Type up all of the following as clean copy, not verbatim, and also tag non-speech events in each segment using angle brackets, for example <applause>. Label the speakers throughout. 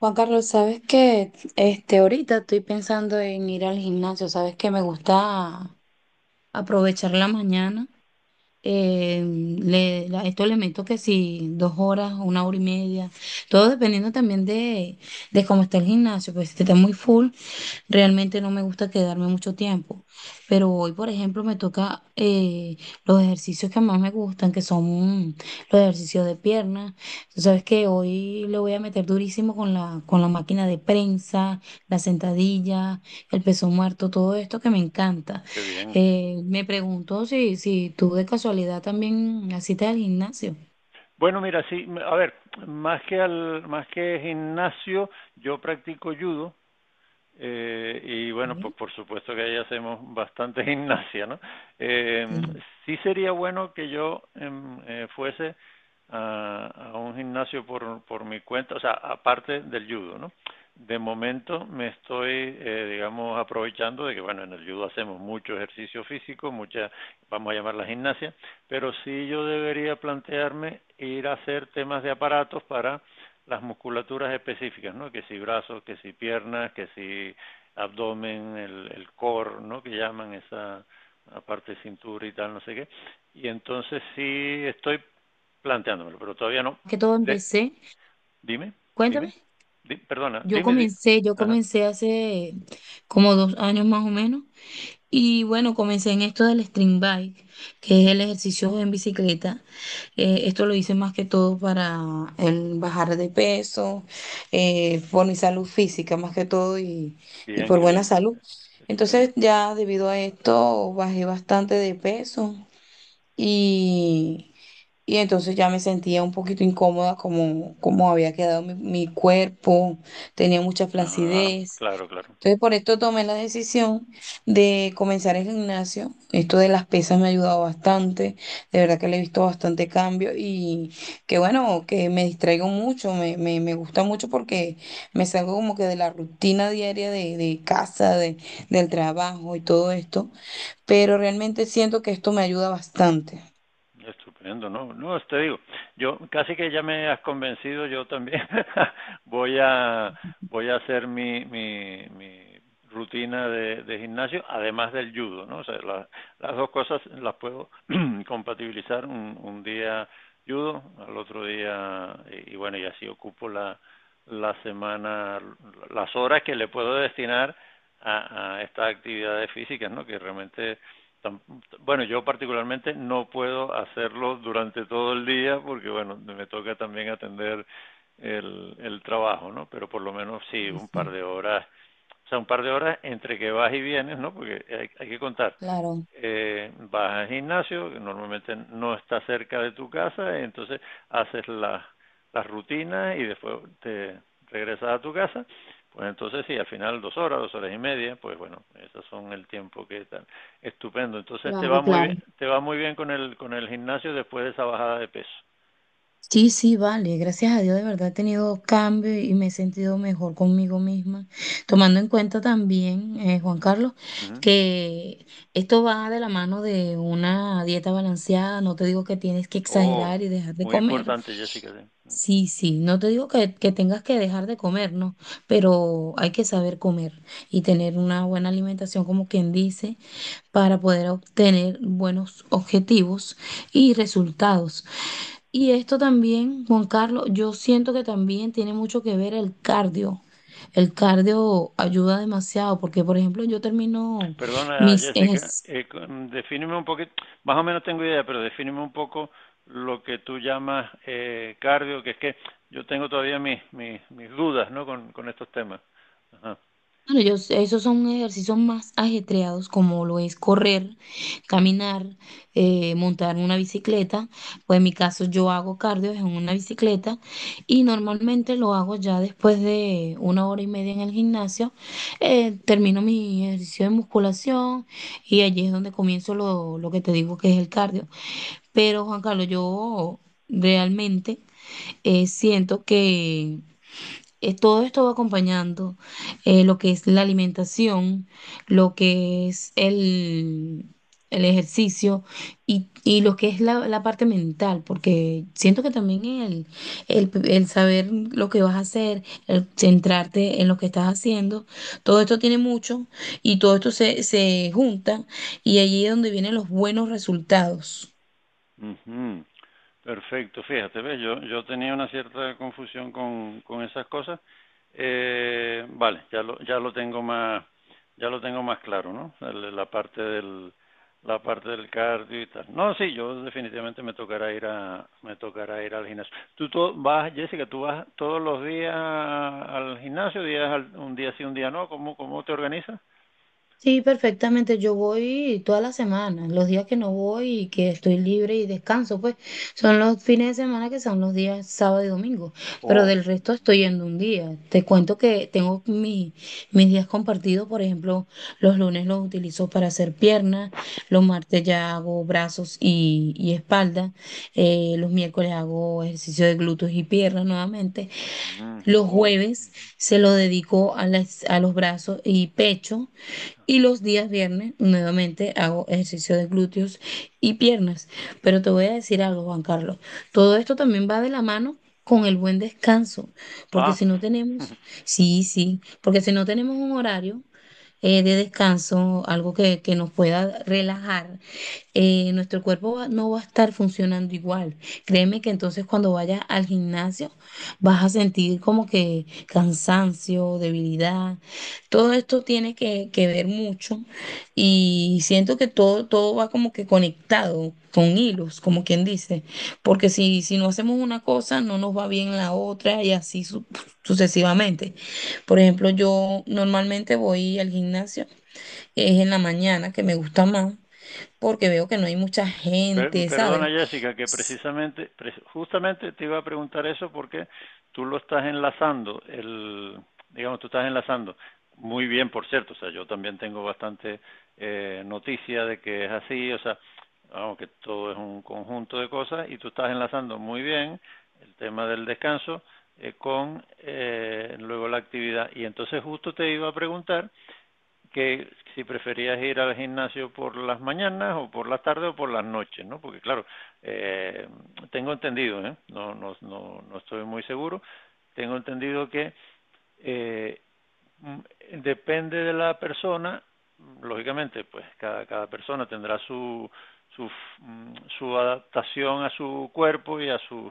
Speaker 1: Juan Carlos, sabes que ahorita estoy pensando en ir al gimnasio. Sabes que me gusta aprovechar la mañana. eh, Esto le meto que si 2 horas, 1 hora y media, todo dependiendo también de cómo está el gimnasio. Pues si está muy full, realmente no me gusta quedarme mucho tiempo, pero hoy, por ejemplo, me toca los ejercicios que más me gustan, que son los ejercicios de piernas. Tú sabes que hoy le voy a meter durísimo con la máquina de prensa, la sentadilla, el peso muerto, todo esto que me encanta.
Speaker 2: Qué bien.
Speaker 1: Me preguntó si tú de casualidad también asistes al gimnasio.
Speaker 2: Bueno, mira, sí, a ver, más que al, más que gimnasio, yo practico judo y bueno, pues
Speaker 1: Sí,
Speaker 2: por supuesto que ahí hacemos bastante <laughs> gimnasia, ¿no? Eh,
Speaker 1: sí.
Speaker 2: sí sería bueno que yo fuese a, a, un gimnasio por mi cuenta, o sea, aparte del judo, ¿no? De momento me estoy, digamos, aprovechando de que, bueno, en el judo hacemos mucho ejercicio físico, mucha, vamos a llamar la gimnasia, pero sí yo debería plantearme ir a hacer temas de aparatos para las musculaturas específicas, ¿no? Que si brazos, que si piernas, que si abdomen, el core, ¿no? Que llaman esa, aparte de cintura y tal, no sé qué. Y entonces sí estoy planteándomelo, pero todavía no.
Speaker 1: Más que todo
Speaker 2: De,
Speaker 1: empecé,
Speaker 2: dime,
Speaker 1: cuéntame,
Speaker 2: dime, di, perdona, dime, di,
Speaker 1: yo
Speaker 2: ajá,
Speaker 1: comencé hace como 2 años más o menos. Y bueno, comencé en esto del string bike, que es el ejercicio en bicicleta. Esto lo hice más que todo para el bajar de peso, por mi salud física más que todo y
Speaker 2: bien,
Speaker 1: por
Speaker 2: qué
Speaker 1: buena
Speaker 2: bien,
Speaker 1: salud.
Speaker 2: estupendo.
Speaker 1: Entonces ya debido a esto bajé bastante de peso. Y, y entonces ya me sentía un poquito incómoda como había quedado mi cuerpo, tenía mucha
Speaker 2: Ah,
Speaker 1: flacidez.
Speaker 2: claro, claro,
Speaker 1: Entonces por esto tomé la decisión de comenzar el gimnasio. Esto de las pesas me ha ayudado bastante, de verdad que le he visto bastante cambio y que bueno, que me distraigo mucho, me gusta mucho porque me salgo como que de la rutina diaria de casa, de, del trabajo y todo esto, pero realmente siento que esto me ayuda bastante.
Speaker 2: estupendo, no, no, te digo, yo casi que ya me has convencido, yo también <laughs> voy a voy a hacer mi, mi, mi rutina de gimnasio, además del judo, ¿no? O sea, la, las dos cosas las puedo <clears throat> <coughs> compatibilizar un día judo, al otro día, y bueno, y así ocupo la, la semana, las horas que le puedo destinar a estas actividades físicas, ¿no? Que realmente, bueno, yo particularmente no puedo hacerlo durante todo el día porque, bueno, me toca también atender el trabajo, ¿no? Pero por lo menos sí,
Speaker 1: Sí,
Speaker 2: un par
Speaker 1: sí,
Speaker 2: de horas, o sea, un par de horas entre que vas y vienes, ¿no? Porque hay que contar.
Speaker 1: claro.
Speaker 2: Vas al gimnasio, que normalmente no está cerca de tu casa, entonces haces las rutinas y después te regresas a tu casa. Pues entonces sí, al final dos horas y media, pues bueno, esos son el tiempo que están. Estupendo. Entonces te
Speaker 1: Claro,
Speaker 2: va muy
Speaker 1: claro.
Speaker 2: bien, te va muy bien con el gimnasio después de esa bajada de peso.
Speaker 1: Sí, sí, vale, gracias a Dios de verdad he tenido cambios y me he sentido mejor conmigo misma, tomando en cuenta también, Juan
Speaker 2: Ujú,
Speaker 1: Carlos,
Speaker 2: ujú.
Speaker 1: que esto va de la mano de una dieta balanceada. No te digo que tienes que
Speaker 2: Oh,
Speaker 1: exagerar y dejar de
Speaker 2: muy
Speaker 1: comer.
Speaker 2: importante, Jessica. Sí.
Speaker 1: Sí, sí, no te digo que tengas que dejar de comer, no, pero hay que saber comer y tener una buena alimentación, como quien dice, para poder obtener buenos objetivos y resultados. Y esto también, Juan Carlos, yo siento que también tiene mucho que ver el cardio. El cardio ayuda demasiado porque, por ejemplo, yo termino
Speaker 2: Perdona,
Speaker 1: mis
Speaker 2: Jessica,
Speaker 1: ejercicios.
Speaker 2: defíneme un poquito, más o menos tengo idea, pero defíneme un poco lo que tú llamas cardio, que es que yo tengo todavía mis, mis, mis dudas, ¿no? Con estos temas. Ajá.
Speaker 1: Bueno, yo sé, esos son ejercicios más ajetreados, como lo es correr, caminar, montar una bicicleta. Pues en mi caso yo hago cardio en una bicicleta y normalmente lo hago ya después de 1 hora y media en el gimnasio. Termino mi ejercicio de musculación y allí es donde comienzo lo que te digo que es el cardio. Pero Juan Carlos, yo realmente siento que todo esto va acompañando, lo que es la alimentación, lo que es el ejercicio y lo que es la parte mental, porque siento que también el saber lo que vas a hacer, el centrarte en lo que estás haciendo, todo esto tiene mucho y todo esto se junta y allí es donde vienen los buenos resultados.
Speaker 2: Uh -huh. Perfecto, fíjate, ¿ves? Yo tenía una cierta confusión con esas cosas. Vale, ya lo tengo más, ya lo tengo más claro, ¿no? La parte del cardio y tal. No, sí, yo definitivamente me tocará ir a, me tocará ir al gimnasio. Vas, Jessica, tú vas todos los días al gimnasio, un día sí, un día no. ¿Cómo, cómo te organizas?
Speaker 1: Sí, perfectamente. Yo voy todas las semanas. Los días que no voy y que estoy libre y descanso, pues son los fines de semana, que son los días sábado y domingo. Pero
Speaker 2: Oh,
Speaker 1: del resto estoy yendo un día. Te cuento que tengo mis días compartidos. Por ejemplo, los lunes los utilizo para hacer piernas, los martes ya hago brazos y espalda, los miércoles hago ejercicio de glúteos y piernas nuevamente.
Speaker 2: mm,
Speaker 1: Los
Speaker 2: oh.
Speaker 1: jueves se lo dedico a a los brazos y pecho. Y los días viernes nuevamente hago ejercicio de glúteos y piernas. Pero te voy a decir algo, Juan Carlos. Todo esto también va de la mano con el buen descanso. Porque
Speaker 2: Ah,
Speaker 1: si no tenemos, sí, sí, porque si no tenemos un horario, de descanso, algo que nos pueda relajar, nuestro cuerpo no va a estar funcionando igual. Créeme que entonces cuando vayas al gimnasio vas a sentir como que cansancio, debilidad. Todo esto tiene que ver mucho y siento que todo va como que conectado con hilos, como quien dice, porque si no hacemos una cosa, no nos va bien la otra y así sucesivamente. Por ejemplo, yo normalmente voy al gimnasio, es en la mañana que me gusta más porque veo que no hay mucha gente,
Speaker 2: Perdona
Speaker 1: ¿sabes?
Speaker 2: Jessica, que precisamente, justamente te iba a preguntar eso porque tú lo estás enlazando, el, digamos, tú estás enlazando, muy bien por cierto, o sea, yo también tengo bastante noticia de que es así, o sea, vamos, que todo es un conjunto de cosas y tú estás enlazando muy bien el tema del descanso, con luego la actividad y entonces justo te iba a preguntar que si preferías ir al gimnasio por las mañanas o por la tarde o por las noches, ¿no? Porque claro, eh, tengo entendido, ¿eh? No, no, no, no estoy muy seguro, tengo entendido que eh, mm, depende de la persona, lógicamente, pues cada, cada persona tendrá su, su, su adaptación a su cuerpo y a sus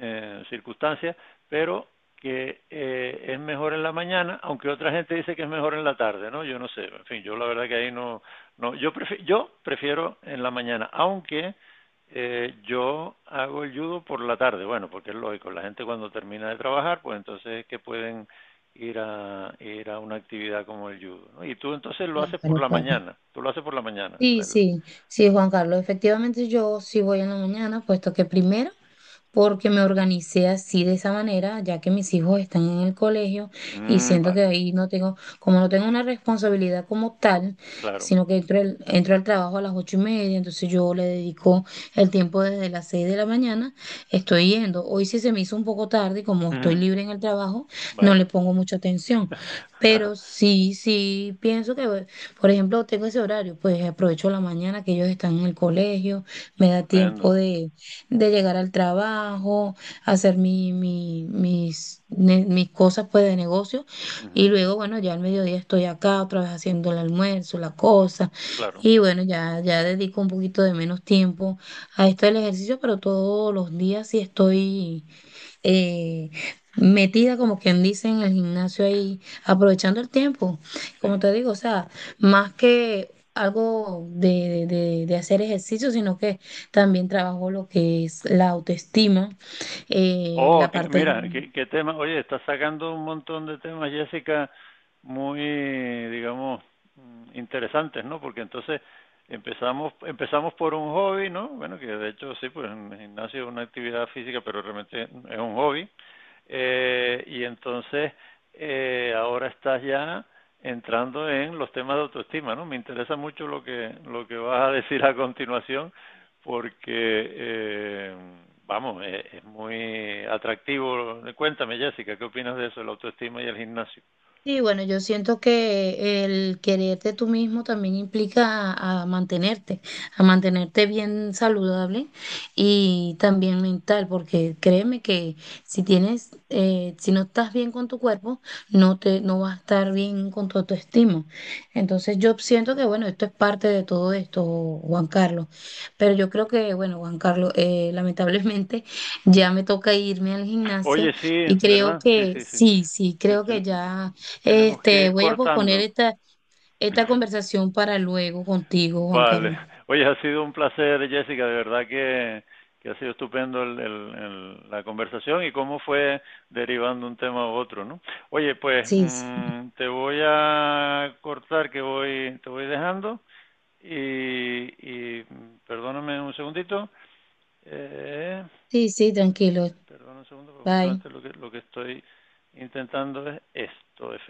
Speaker 2: circunstancias, pero que es mejor en la mañana, aunque otra gente dice que es mejor en la tarde, ¿no? Yo no sé, en fin, yo la verdad que ahí no, no yo, prefiero, yo prefiero en la mañana, aunque yo hago el judo por la tarde, bueno, porque es lógico, la gente cuando termina de trabajar, pues entonces es que pueden ir a, ir a una actividad como el judo, ¿no? Y tú entonces lo haces por
Speaker 1: Claro,
Speaker 2: la
Speaker 1: claro.
Speaker 2: mañana, tú lo haces por la mañana.
Speaker 1: Sí, sí, sí,
Speaker 2: Ajá.
Speaker 1: Juan Carlos. Efectivamente, yo sí voy en la mañana, puesto que primero, porque me organicé así de esa manera, ya que mis hijos están en el colegio y
Speaker 2: Mm,
Speaker 1: siento que
Speaker 2: vale,
Speaker 1: ahí no tengo, como no tengo una responsabilidad como tal,
Speaker 2: claro,
Speaker 1: sino que entro, entro al trabajo a las 8:30. Entonces yo le dedico el tiempo desde las 6 de la mañana, estoy yendo. Hoy sí se me hizo un poco tarde, y como estoy
Speaker 2: ujú,
Speaker 1: libre en el trabajo, no le
Speaker 2: vale.
Speaker 1: pongo mucha atención, pero
Speaker 2: <laughs>
Speaker 1: sí, sí pienso que, por ejemplo, tengo ese horario, pues aprovecho la mañana que ellos están en el colegio. Me da
Speaker 2: Estupendo.
Speaker 1: tiempo de llegar al trabajo, hacer mis cosas pues de negocio y
Speaker 2: Ujú.
Speaker 1: luego, bueno, ya al mediodía estoy acá otra vez haciendo el almuerzo, la cosa,
Speaker 2: Claro,
Speaker 1: y bueno, ya, ya dedico un poquito de menos tiempo a esto del ejercicio, pero todos los días sí estoy eh, metida, como quien dice, en el gimnasio ahí, aprovechando el tiempo. Como
Speaker 2: sí.
Speaker 1: te digo, o sea, más que algo de hacer ejercicio, sino que también trabajo lo que es la autoestima,
Speaker 2: Oh,
Speaker 1: la
Speaker 2: que,
Speaker 1: parte de,
Speaker 2: mira, qué, qué tema. Oye, estás sacando un montón de temas, Jessica, muy, digamos, interesantes, ¿no? Porque entonces empezamos por un hobby, ¿no? Bueno, que de hecho sí, pues el gimnasio es una actividad física, pero realmente es un hobby. Y entonces ahora estás ya entrando en los temas de autoestima, ¿no? Me interesa mucho lo que vas a decir a continuación porque eh, vamos, es, muy atractivo. Cuéntame, Jessica, ¿qué opinas de eso, la autoestima y el gimnasio?
Speaker 1: sí, bueno, yo siento que el quererte tú mismo también implica a mantenerte bien saludable y también mental, porque créeme que si tienes, si no estás bien con tu cuerpo, no vas a estar bien con tu autoestima. Entonces yo siento que, bueno, esto es parte de todo esto, Juan Carlos. Pero yo creo que, bueno, Juan Carlos, lamentablemente <laughs> ya me toca irme al gimnasio
Speaker 2: Oye, sí,
Speaker 1: y creo
Speaker 2: ¿verdad? Sí,
Speaker 1: que
Speaker 2: sí, sí.
Speaker 1: sí, sí,
Speaker 2: Sí
Speaker 1: creo que
Speaker 2: ten,
Speaker 1: ya.
Speaker 2: tenemos que
Speaker 1: Este,
Speaker 2: ir
Speaker 1: voy a posponer
Speaker 2: cortando.
Speaker 1: esta
Speaker 2: <laughs>
Speaker 1: conversación para luego contigo, Juan
Speaker 2: Vale.
Speaker 1: Carlos.
Speaker 2: <laughs> Oye, ha sido un placer, Jessica, de verdad que ha sido estupendo la conversación y cómo fue derivando un tema u otro, ¿no? Oye, pues
Speaker 1: Sí, sí,
Speaker 2: te voy a cortar que voy, te voy dejando y, y perdóname un segundito. Eh,
Speaker 1: sí, sí, tranquilo.
Speaker 2: perdón un segundo, porque
Speaker 1: Bye.
Speaker 2: justamente lo que estoy intentando es esto, efectivamente.